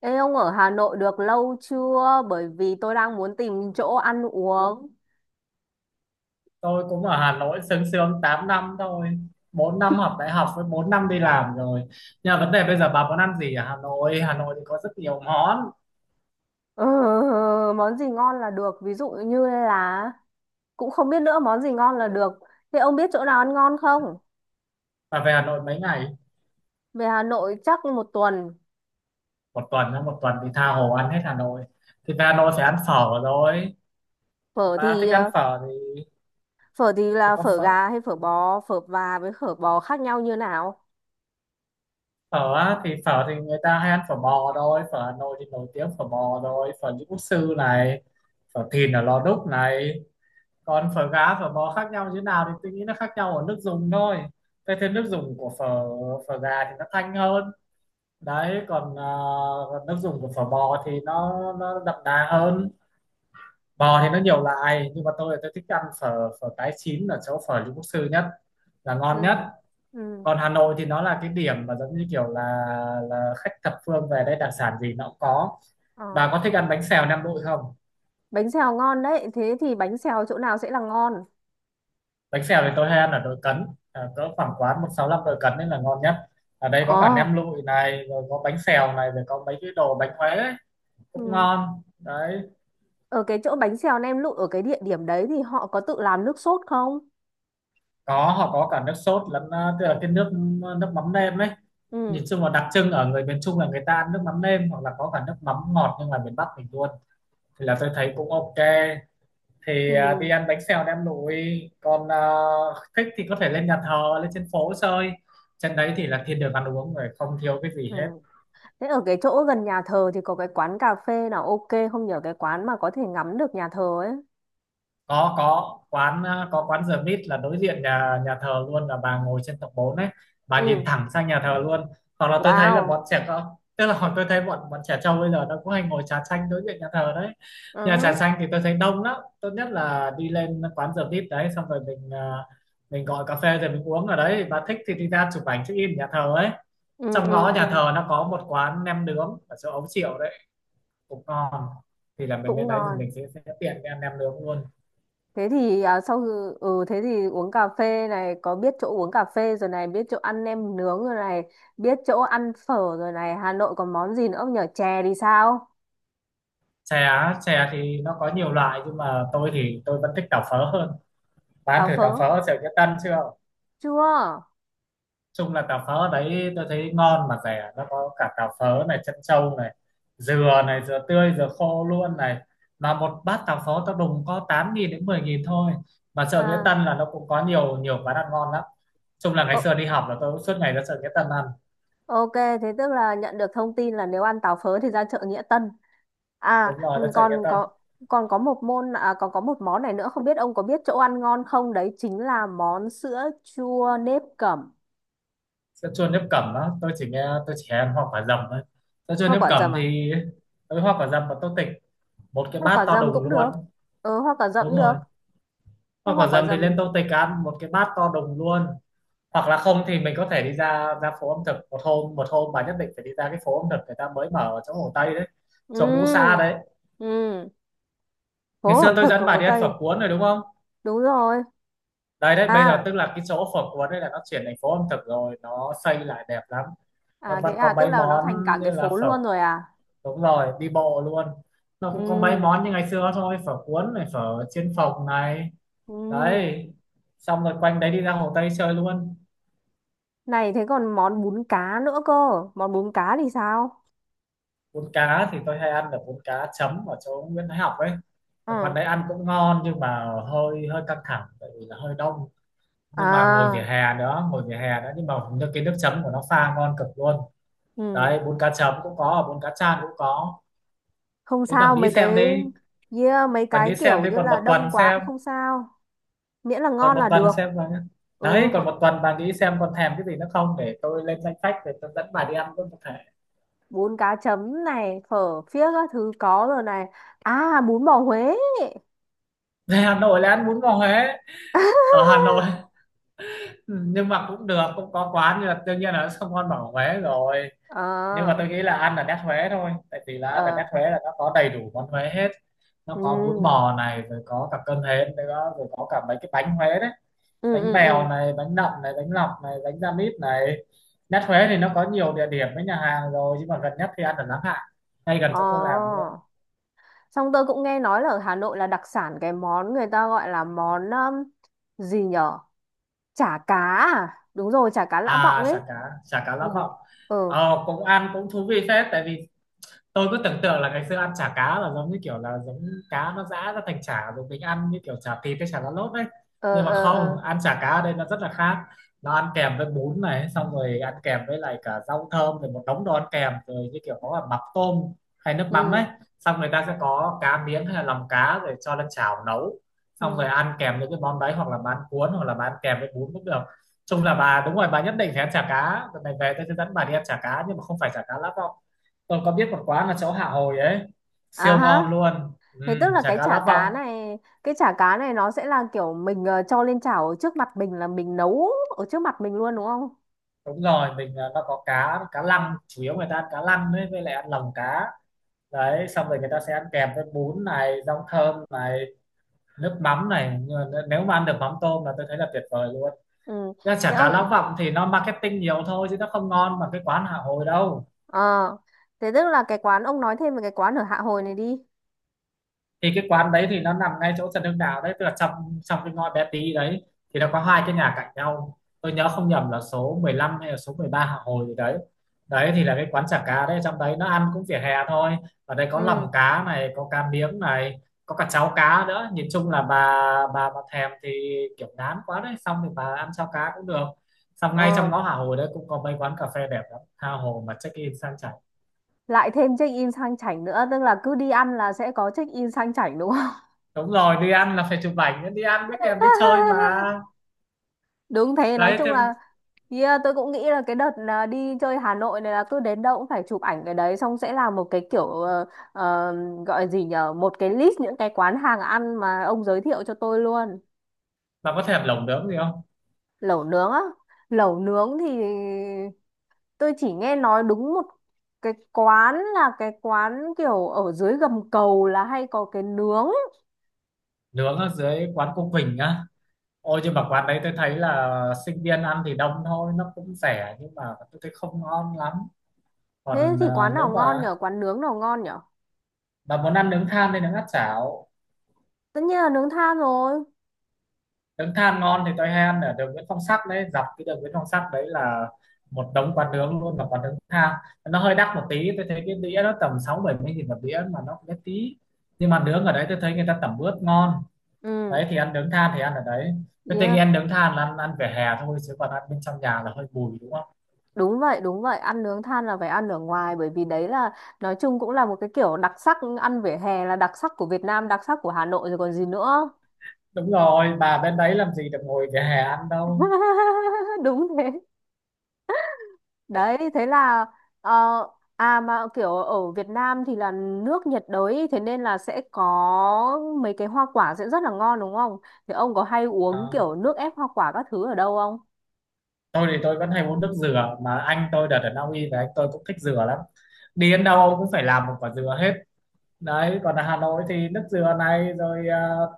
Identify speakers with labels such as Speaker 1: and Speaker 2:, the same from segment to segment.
Speaker 1: Ê ông ở Hà Nội được lâu chưa? Bởi vì tôi đang muốn tìm chỗ ăn uống.
Speaker 2: Tôi cũng ở Hà Nội sướng sướng 8 năm thôi, 4 năm học đại học với 4 năm đi làm rồi. Nhưng mà vấn đề bây giờ bà muốn ăn gì ở Hà Nội thì có rất nhiều món.
Speaker 1: Ừ. Món gì ngon là được. Ví dụ như là cũng không biết nữa món gì ngon là được. Thế ông biết chỗ nào ăn ngon không?
Speaker 2: Bà về Hà Nội mấy ngày?
Speaker 1: Về Hà Nội chắc một tuần.
Speaker 2: Một tuần á, một tuần thì tha hồ ăn hết Hà Nội, thì về Hà Nội phải ăn phở rồi.
Speaker 1: Phở
Speaker 2: Bà
Speaker 1: thì
Speaker 2: thích ăn
Speaker 1: ờ,
Speaker 2: phở thì
Speaker 1: phở thì là
Speaker 2: có
Speaker 1: phở
Speaker 2: phở.
Speaker 1: gà hay phở bò, phở và với phở bò khác nhau như nào?
Speaker 2: Phở á, thì phở thì người ta hay ăn phở bò thôi. Phở Hà Nội thì nổi tiếng phở bò rồi, phở những quốc sư này, phở thìn ở Lò Đúc này. Còn phở gá phở bò khác nhau như thế nào thì tôi nghĩ nó khác nhau ở nước dùng thôi, cái thêm nước dùng của phở. Phở gà thì nó thanh hơn, đấy, còn còn nước dùng của phở bò thì nó đậm đà hơn. Bò thì nó nhiều loại nhưng mà tôi thích ăn phở, cái chín ở chỗ phở Lý Quốc Sư nhất là ngon nhất.
Speaker 1: Ừ. Ừ.
Speaker 2: Còn Hà Nội thì nó là cái điểm mà giống như kiểu là khách thập phương về đây, đặc sản gì nó cũng có.
Speaker 1: Ờ.
Speaker 2: Bà có thích ăn bánh xèo Nam Định không?
Speaker 1: Bánh xèo ngon đấy. Thế thì bánh xèo chỗ nào sẽ là ngon?
Speaker 2: Bánh xèo thì tôi hay ăn ở Đội Cấn, cỡ khoảng quán 165 Đội Cấn nên là ngon nhất. Ở đây
Speaker 1: Ồ.
Speaker 2: có cả nem lụi này rồi có bánh xèo này rồi có mấy cái đồ bánh Huế ấy, cũng
Speaker 1: Ừ.
Speaker 2: ngon đấy.
Speaker 1: Ở cái chỗ bánh xèo nem lụi ở cái địa điểm đấy thì họ có tự làm nước sốt không?
Speaker 2: Có, họ có cả nước sốt lẫn tức là cái nước, nước mắm nêm ấy.
Speaker 1: Ừ,
Speaker 2: Nhìn chung là đặc trưng ở người miền Trung là người ta ăn nước mắm nêm hoặc là có cả nước mắm ngọt nhưng mà miền Bắc mình luôn, thì là tôi thấy cũng ok, thì đi
Speaker 1: ừ,
Speaker 2: ăn bánh xèo nem lụi. Còn thích thì có thể lên nhà thờ lên trên phố chơi, trên đấy thì là thiên đường ăn uống rồi, không thiếu cái gì
Speaker 1: ừ.
Speaker 2: hết.
Speaker 1: Thế ở cái chỗ gần nhà thờ thì có cái quán cà phê nào ok không nhờ cái quán mà có thể ngắm được nhà thờ ấy.
Speaker 2: Có, có quán The Meat là đối diện nhà nhà thờ luôn, là bà ngồi trên tầng 4 ấy, bà nhìn
Speaker 1: Ừ,
Speaker 2: thẳng sang nhà thờ luôn. Hoặc là tôi thấy là
Speaker 1: wow.
Speaker 2: bọn trẻ con, tức là hồi tôi thấy bọn bọn trẻ trâu bây giờ nó cũng hay ngồi trà xanh đối diện nhà thờ đấy.
Speaker 1: Ừ,
Speaker 2: Nhà trà
Speaker 1: hứ.
Speaker 2: xanh thì tôi thấy đông lắm. Tốt nhất là đi lên quán The Meat đấy, xong rồi mình mình gọi cà phê rồi mình uống ở đấy. Bà thích thì đi ra chụp ảnh check in nhà thờ ấy.
Speaker 1: Ừ,
Speaker 2: Trong
Speaker 1: ừ,
Speaker 2: ngõ nhà
Speaker 1: ừ.
Speaker 2: thờ nó có một quán nem nướng ở chỗ Ấu Triệu đấy, cũng ngon. Thì là mình
Speaker 1: Cũng
Speaker 2: lên đấy thì
Speaker 1: ngon.
Speaker 2: mình sẽ tiện cái ăn nem nướng luôn.
Speaker 1: Thế thì à, sau khi- ừ thế thì uống cà phê này có biết chỗ uống cà phê rồi này, biết chỗ ăn nem nướng rồi này, biết chỗ ăn phở rồi này, Hà Nội còn món gì nữa không nhờ chè thì sao?
Speaker 2: Chè á, chè thì nó có nhiều loại nhưng mà tôi thì tôi vẫn thích tàu phớ hơn. Bán
Speaker 1: Táo
Speaker 2: thử
Speaker 1: phớ.
Speaker 2: tàu phớ ở chợ Nghĩa Tân chưa?
Speaker 1: Chưa.
Speaker 2: Chung là tàu phớ ở đấy tôi thấy ngon mà rẻ, nó có cả tàu phớ này chân trâu này, dừa này, dừa tươi dừa khô luôn này. Mà một bát tàu phớ tao đùng có 8.000 đến 10.000 thôi. Mà chợ Nghĩa
Speaker 1: À.
Speaker 2: Tân là nó cũng có nhiều nhiều quán ăn ngon lắm. Chung là ngày xưa đi học là tôi cũng suốt ngày ra chợ Nghĩa Tân ăn.
Speaker 1: Ok, thế tức là nhận được thông tin là nếu ăn táo phớ thì ra chợ Nghĩa Tân. À,
Speaker 2: Đúng rồi,
Speaker 1: ừ,
Speaker 2: ra chợ Nghĩa Tân.
Speaker 1: còn có một môn à, còn có một món này nữa không biết ông có biết chỗ ăn ngon không? Đấy chính là món sữa chua nếp cẩm.
Speaker 2: Sân chua nếp cẩm đó, tôi chỉ nghe, tôi chỉ ăn hoa quả dầm thôi. Sân chua
Speaker 1: Hoa
Speaker 2: nếp
Speaker 1: quả
Speaker 2: cẩm
Speaker 1: dầm à?
Speaker 2: thì với hoa quả dầm và tô tịch, một cái
Speaker 1: Hoa
Speaker 2: bát
Speaker 1: quả
Speaker 2: to
Speaker 1: dầm
Speaker 2: đùng
Speaker 1: cũng được.
Speaker 2: luôn.
Speaker 1: Ừ, hoa quả dầm
Speaker 2: Đúng
Speaker 1: cũng được.
Speaker 2: rồi,
Speaker 1: Thế
Speaker 2: hoa
Speaker 1: hoa
Speaker 2: quả
Speaker 1: quả
Speaker 2: dầm thì lên
Speaker 1: dầm.
Speaker 2: tô tịch ăn một cái bát to đùng luôn. Hoặc là không thì mình có thể đi ra ra phố ẩm thực. Một hôm, một hôm bà nhất định phải đi ra cái phố ẩm thực người ta mới mở ở chỗ Hồ Tây đấy,
Speaker 1: Ừ.
Speaker 2: chỗ Ngũ Sa đấy.
Speaker 1: Ừ.
Speaker 2: Ngày
Speaker 1: Phố
Speaker 2: xưa
Speaker 1: ẩm
Speaker 2: tôi
Speaker 1: thực ở
Speaker 2: dẫn bà
Speaker 1: Hồ
Speaker 2: đi ăn
Speaker 1: Tây.
Speaker 2: phở cuốn rồi đúng không?
Speaker 1: Đúng rồi.
Speaker 2: Đấy đấy, bây giờ
Speaker 1: À,
Speaker 2: tức là cái chỗ phở cuốn đấy là nó chuyển thành phố ẩm thực rồi, nó xây lại đẹp lắm. Nó vẫn có
Speaker 1: tức
Speaker 2: mấy
Speaker 1: là nó
Speaker 2: món
Speaker 1: thành cả
Speaker 2: như
Speaker 1: cái
Speaker 2: là
Speaker 1: phố
Speaker 2: phở.
Speaker 1: luôn rồi à?
Speaker 2: Đúng rồi, đi bộ luôn. Nó
Speaker 1: Ừ.
Speaker 2: cũng có mấy món như ngày xưa thôi, phở cuốn này, phở chiên phồng này.
Speaker 1: Ừ.
Speaker 2: Đấy, xong rồi quanh đấy đi ra Hồ Tây chơi luôn.
Speaker 1: Này thế còn món bún cá nữa cơ. Món bún cá thì sao?
Speaker 2: Bún cá thì tôi hay ăn được bún cá chấm ở chỗ Nguyễn Thái Học ấy. Ở quán
Speaker 1: Ừ.
Speaker 2: đấy ăn cũng ngon nhưng mà hơi hơi căng thẳng tại vì là hơi đông. Nhưng mà ngồi vỉa
Speaker 1: À,
Speaker 2: hè đó, ngồi vỉa hè đó, nhưng mà nước, cái nước chấm của nó pha ngon cực luôn.
Speaker 1: ừ.
Speaker 2: Đấy, bún cá chấm cũng có, bún cá chan cũng có.
Speaker 1: Không
Speaker 2: Đấy, bạn
Speaker 1: sao
Speaker 2: nghĩ
Speaker 1: mấy cái,
Speaker 2: xem đi,
Speaker 1: yeah, mấy
Speaker 2: bạn
Speaker 1: cái
Speaker 2: nghĩ xem
Speaker 1: kiểu
Speaker 2: đi,
Speaker 1: như
Speaker 2: còn
Speaker 1: là
Speaker 2: một tuần
Speaker 1: đông quá
Speaker 2: xem,
Speaker 1: cũng không sao. Miễn là
Speaker 2: còn
Speaker 1: ngon
Speaker 2: một
Speaker 1: là
Speaker 2: tuần
Speaker 1: được.
Speaker 2: xem là.
Speaker 1: Ừ,
Speaker 2: Đấy,
Speaker 1: một
Speaker 2: còn một tuần bà nghĩ xem còn thèm cái gì nữa không để tôi lên danh sách để tôi dẫn bà đi ăn luôn có thể.
Speaker 1: bún cá chấm này, phở phiếc các thứ có rồi này. À, bún bò Huế.
Speaker 2: Về Hà Nội là ăn bún bò Huế ở Hà Nội. Nhưng mà cũng được, cũng có quán nhưng mà đương nhiên là nó không ngon bằng ở Huế rồi.
Speaker 1: Ờ,
Speaker 2: Nhưng mà tôi nghĩ là ăn ở nét Huế thôi, tại vì là ăn ở
Speaker 1: ờ.
Speaker 2: nét Huế là nó có đầy đủ món Huế hết. Nó
Speaker 1: Ừ,
Speaker 2: có bún bò này rồi có cả cơm hến nữa rồi có cả mấy cái bánh Huế đấy,
Speaker 1: ừ,
Speaker 2: bánh
Speaker 1: ừ.
Speaker 2: bèo
Speaker 1: Ừ.
Speaker 2: này, bánh nậm này, bánh lọc này, bánh da mít này. Nhất Huế thì nó có nhiều địa điểm với nhà hàng rồi nhưng mà gần nhất thì ăn ở Láng Hạ, ngay gần
Speaker 1: Ờ.
Speaker 2: chỗ tôi làm luôn.
Speaker 1: Xong tôi cũng nghe nói là ở Hà Nội là đặc sản cái món người ta gọi là món gì nhở? Chả cá à, đúng rồi, chả cá Lã Vọng
Speaker 2: Chả
Speaker 1: ấy.
Speaker 2: cá, chả cá Lã Vọng.
Speaker 1: Ừ. Ừ.
Speaker 2: Cũng ăn cũng thú vị phết, tại vì tôi cứ tưởng tượng là ngày xưa ăn chả cá là giống như kiểu là giống, cá nó giã ra thành chả rồi mình ăn như kiểu chả thịt hay chả lá lốt đấy.
Speaker 1: Ờ.
Speaker 2: Nhưng mà
Speaker 1: Ờ.
Speaker 2: không,
Speaker 1: Ờ.
Speaker 2: ăn chả cá ở đây nó rất là khác. Nó ăn kèm với bún này, xong rồi ăn kèm với lại cả rau thơm rồi một đống đồ ăn kèm rồi, như kiểu có cả mắm tôm hay nước mắm ấy.
Speaker 1: Ừ.
Speaker 2: Xong người ta sẽ có cá miếng hay là lòng cá rồi cho lên chảo nấu, xong rồi
Speaker 1: Ừ.
Speaker 2: ăn kèm với cái món đấy hoặc là bán cuốn hoặc là bán kèm với bún cũng được. Chung là bà, đúng rồi, bà nhất định phải ăn chả cá lần này về, tôi sẽ dẫn bà đi ăn chả cá nhưng mà không phải chả cá lóc. Tôi có biết một quán là chỗ Hạ Hồi ấy,
Speaker 1: À
Speaker 2: siêu
Speaker 1: ha.
Speaker 2: ngon luôn, ừ.
Speaker 1: Thế tức là
Speaker 2: Chả
Speaker 1: cái
Speaker 2: cá
Speaker 1: chả
Speaker 2: lã vọng.
Speaker 1: cá này cái chả cá này nó sẽ là kiểu mình cho lên chảo ở trước mặt mình là mình nấu, ở trước mặt mình luôn đúng không?
Speaker 2: Đúng rồi, mình nó có cá cá lăng, chủ yếu người ta ăn cá lăng ấy, với lại ăn lòng cá. Đấy, xong rồi người ta sẽ ăn kèm với bún này, rau thơm này, nước mắm này, nhưng mà nếu mà ăn được mắm tôm là tôi thấy là tuyệt vời luôn.
Speaker 1: Ừ.
Speaker 2: Ra
Speaker 1: thế
Speaker 2: chả cá lã
Speaker 1: ông
Speaker 2: vọng thì nó marketing nhiều thôi chứ nó không ngon bằng cái quán Hạ Hồi đâu.
Speaker 1: ờ thế tức là cái quán, ông nói thêm về cái quán ở Hạ Hồi này đi.
Speaker 2: Thì cái quán đấy thì nó nằm ngay chỗ Trần Hưng Đạo đấy, tức là trong trong cái ngõ bé tí đấy. Thì nó có hai cái nhà cạnh nhau, tôi nhớ không nhầm là số 15 hay là số 13 Hạ Hồi gì đấy. Đấy thì là cái quán chả cá đấy, trong đấy nó ăn cũng vỉa hè thôi. Ở đây có
Speaker 1: Ừ.
Speaker 2: lòng cá này, có cá miếng này, có cả cháo cá nữa. Nhìn chung là bà thèm thì kiểu ngán quá đấy, xong thì bà ăn cháo cá cũng được. Xong ngay
Speaker 1: Ờ.
Speaker 2: trong ngõ Hạ Hồi đấy cũng có mấy quán cà phê đẹp lắm, Hạ Hồi mà check in sang chảnh.
Speaker 1: Lại thêm check in sang chảnh nữa, tức là cứ đi ăn là sẽ có check in sang chảnh đúng không?
Speaker 2: Đúng rồi, đi ăn là phải chụp ảnh, đi ăn mới kèm đi chơi mà.
Speaker 1: Đúng thế. Nói
Speaker 2: Đấy
Speaker 1: chung
Speaker 2: thế.
Speaker 1: là, yeah, tôi cũng nghĩ là cái đợt là đi chơi Hà Nội này là cứ đến đâu cũng phải chụp ảnh cái đấy, xong sẽ làm một cái kiểu ờ, gọi gì nhở, một cái list những cái quán hàng ăn mà ông giới thiệu cho tôi luôn.
Speaker 2: Bà có thèm lẩu nướng gì không?
Speaker 1: Lẩu nướng á? Lẩu nướng thì tôi chỉ nghe nói đúng một cái quán, là cái quán kiểu ở dưới gầm cầu là hay có cái nướng.
Speaker 2: Nướng ở dưới quán cô Quỳnh á. Ôi nhưng mà quán đấy tôi thấy là sinh viên ăn thì đông thôi, nó cũng rẻ nhưng mà tôi thấy không ngon lắm.
Speaker 1: Thế
Speaker 2: Còn
Speaker 1: thì quán nào
Speaker 2: nếu
Speaker 1: ngon
Speaker 2: mà
Speaker 1: nhở quán nướng nào ngon nhở?
Speaker 2: bà muốn ăn nướng than thì nướng áp chảo.
Speaker 1: Tất nhiên là nướng than rồi.
Speaker 2: Nướng than ngon thì tôi hay ăn ở đường Nguyễn Phong Sắc đấy, dọc cái đường Nguyễn Phong Sắc đấy là một đống quán nướng luôn, là quán nướng than. Nó hơi đắt một tí, tôi thấy cái đĩa nó tầm sáu bảy 70 nghìn một đĩa mà nó cũng bé tí. Nhưng mà nướng ở đấy tôi thấy người ta tẩm ướp ngon.
Speaker 1: Ừ.
Speaker 2: Đấy thì ăn nướng than thì ăn ở đấy. Cái tình
Speaker 1: Yeah.
Speaker 2: ăn nướng than là ăn ăn vỉa hè thôi, chứ còn ăn bên trong nhà là hơi mùi, đúng không?
Speaker 1: Đúng vậy, ăn nướng than là phải ăn ở ngoài, bởi vì đấy là nói chung cũng là một cái kiểu đặc sắc, ăn vỉa hè là đặc sắc của Việt Nam, đặc sắc của Hà Nội rồi còn gì nữa.
Speaker 2: Đúng rồi, bà bên đấy làm gì được ngồi vỉa hè ăn đâu.
Speaker 1: Đúng thế. Đấy, thế là ờ, à mà kiểu ở Việt Nam thì là nước nhiệt đới, thế nên là sẽ có mấy cái hoa quả sẽ rất là ngon đúng không? Thì ông có hay uống
Speaker 2: Ờ,
Speaker 1: kiểu nước ép hoa quả các thứ ở đâu không?
Speaker 2: tôi vẫn hay uống nước dừa, mà anh tôi đợt ở Na Uy về anh tôi cũng thích dừa lắm, đi đến đâu ông cũng phải làm một quả dừa hết. Đấy, còn ở Hà Nội thì nước dừa này rồi,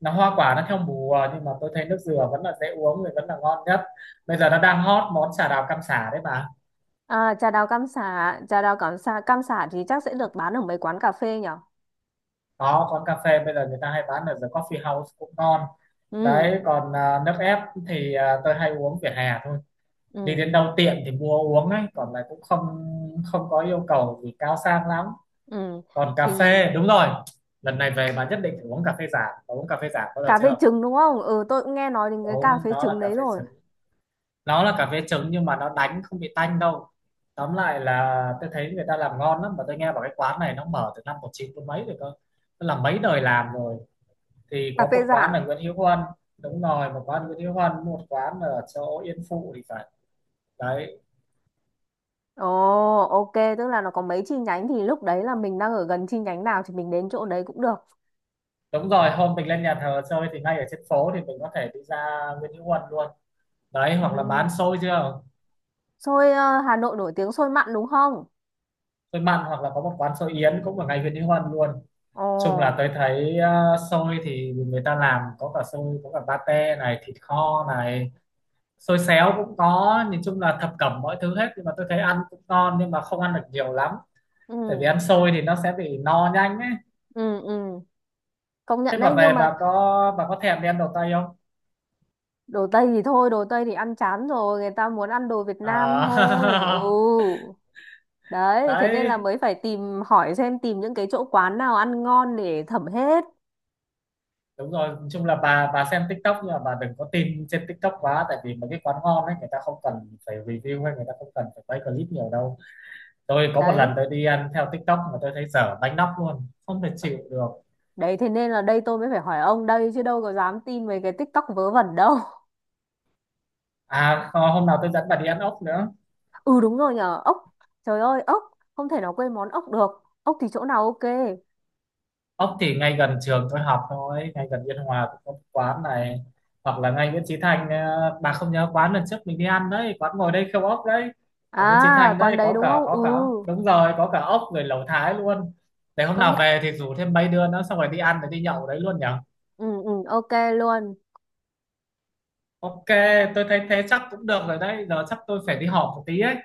Speaker 2: nó hoa quả nó theo mùa, nhưng mà tôi thấy nước dừa vẫn là dễ uống, thì vẫn là ngon nhất. Bây giờ nó đang hot món trà đào cam sả đấy bà.
Speaker 1: À, trà đào cam sả, trà đào cam sả thì chắc sẽ được bán ở mấy quán cà phê nhở?
Speaker 2: Có cà phê, bây giờ người ta hay bán ở The Coffee House cũng ngon.
Speaker 1: Ừ.
Speaker 2: Đấy còn nước ép thì tôi hay uống vỉa hè thôi, đi
Speaker 1: Ừ.
Speaker 2: đến đâu tiện thì mua uống ấy, còn lại cũng không không có yêu cầu gì cao sang lắm.
Speaker 1: Ừ.
Speaker 2: Còn cà
Speaker 1: Thì
Speaker 2: phê đúng rồi, lần này về bà nhất định phải uống cà phê giả. Bà uống cà phê giả bao giờ
Speaker 1: cà phê
Speaker 2: chưa?
Speaker 1: trứng đúng không? Ừ, tôi cũng nghe nói đến
Speaker 2: Bà
Speaker 1: cái cà
Speaker 2: uống
Speaker 1: phê
Speaker 2: nó là
Speaker 1: trứng
Speaker 2: cà
Speaker 1: đấy
Speaker 2: phê
Speaker 1: rồi.
Speaker 2: trứng, nó là cà phê trứng nhưng mà nó đánh không bị tanh đâu. Tóm lại là tôi thấy người ta làm ngon lắm, mà tôi nghe bảo cái quán này nó mở từ năm 19 chín mấy rồi cơ, nó làm mấy đời làm rồi. Thì
Speaker 1: Cà
Speaker 2: có
Speaker 1: phê
Speaker 2: một quán
Speaker 1: Rạng.
Speaker 2: ở Nguyễn Hữu Huân. Đúng rồi, một quán Nguyễn Hữu Huân, một quán ở chỗ Yên Phụ thì phải. Đấy.
Speaker 1: Ồ, ok, tức là nó có mấy chi nhánh thì lúc đấy là mình đang ở gần chi nhánh nào thì mình đến chỗ đấy cũng được.
Speaker 2: Đúng rồi, hôm mình lên nhà thờ chơi thì ngay ở trên phố thì mình có thể đi ra Nguyễn Hữu Huân luôn. Đấy, hoặc là
Speaker 1: Ừ.
Speaker 2: bán xôi chưa.
Speaker 1: Xôi, Hà Nội nổi tiếng xôi mặn đúng không?
Speaker 2: Xôi mặn, hoặc là có một quán xôi Yến cũng ở ngay Nguyễn Hữu Huân luôn.
Speaker 1: Ồ,
Speaker 2: Chung là tôi thấy xôi thì người ta làm có cả xôi, có cả pate này, thịt kho này, xôi xéo cũng có, nhìn chung là thập cẩm mọi thứ hết, nhưng mà tôi thấy ăn cũng ngon nhưng mà không ăn được nhiều lắm, tại vì
Speaker 1: ừ,
Speaker 2: ăn xôi thì nó sẽ bị no nhanh ấy.
Speaker 1: ừ, ừ. Công
Speaker 2: Thế
Speaker 1: nhận đấy,
Speaker 2: bà
Speaker 1: nhưng
Speaker 2: về
Speaker 1: mà
Speaker 2: bà có thèm đi ăn đầu tay không?
Speaker 1: đồ Tây thì thôi, đồ Tây thì ăn chán rồi, người ta muốn ăn đồ Việt Nam thôi. Ừ.
Speaker 2: À,
Speaker 1: Đấy, thế nên là
Speaker 2: đấy,
Speaker 1: mới phải tìm hỏi xem, tìm những cái chỗ quán nào ăn ngon để thẩm hết.
Speaker 2: đúng rồi, nói chung là bà xem TikTok nhưng mà bà đừng có tin trên TikTok quá, tại vì mấy cái quán ngon ấy người ta không cần phải review, hay người ta không cần phải quay clip nhiều đâu. Tôi có một lần
Speaker 1: Đấy.
Speaker 2: tôi đi ăn theo TikTok mà tôi thấy dở bánh nóc luôn, không thể chịu được.
Speaker 1: Đấy thế nên là đây tôi mới phải hỏi ông đây chứ đâu có dám tin mấy cái TikTok vớ vẩn đâu.
Speaker 2: À hôm nào tôi dẫn bà đi ăn ốc nữa.
Speaker 1: Ừ đúng rồi nhờ, ốc. Trời ơi, ốc, không thể nào quên món ốc được. Ốc thì chỗ nào ok?
Speaker 2: Ốc thì ngay gần trường tôi học thôi, ngay gần Biên Hòa cũng có một quán này, hoặc là ngay Nguyễn Chí Thanh. Ờ, bà không nhớ quán lần trước mình đi ăn đấy, quán ngồi đây khêu ốc đấy. Ở Nguyễn Chí
Speaker 1: À,
Speaker 2: Thanh
Speaker 1: quán
Speaker 2: đấy
Speaker 1: đấy
Speaker 2: có
Speaker 1: đúng
Speaker 2: cả,
Speaker 1: không? Ừ,
Speaker 2: có cả đúng rồi, có cả ốc rồi lẩu Thái luôn. Để hôm
Speaker 1: công
Speaker 2: nào
Speaker 1: nhận.
Speaker 2: về thì rủ thêm mấy đứa nữa, xong rồi đi ăn rồi đi nhậu ở đấy luôn nhỉ.
Speaker 1: Ừ, ừ, ok luôn.
Speaker 2: Ok. Tôi thấy thế chắc cũng được rồi, đấy giờ chắc tôi phải đi họp một tí ấy.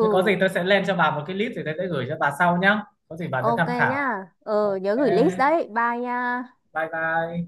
Speaker 2: Nếu có gì tôi sẽ lên cho bà một cái list rồi tôi sẽ gửi cho bà sau nhá, có gì bà sẽ
Speaker 1: ok
Speaker 2: tham khảo.
Speaker 1: nhá. Ừ, nhớ
Speaker 2: Ok.
Speaker 1: gửi list đấy. Bye nha.
Speaker 2: Bye bye.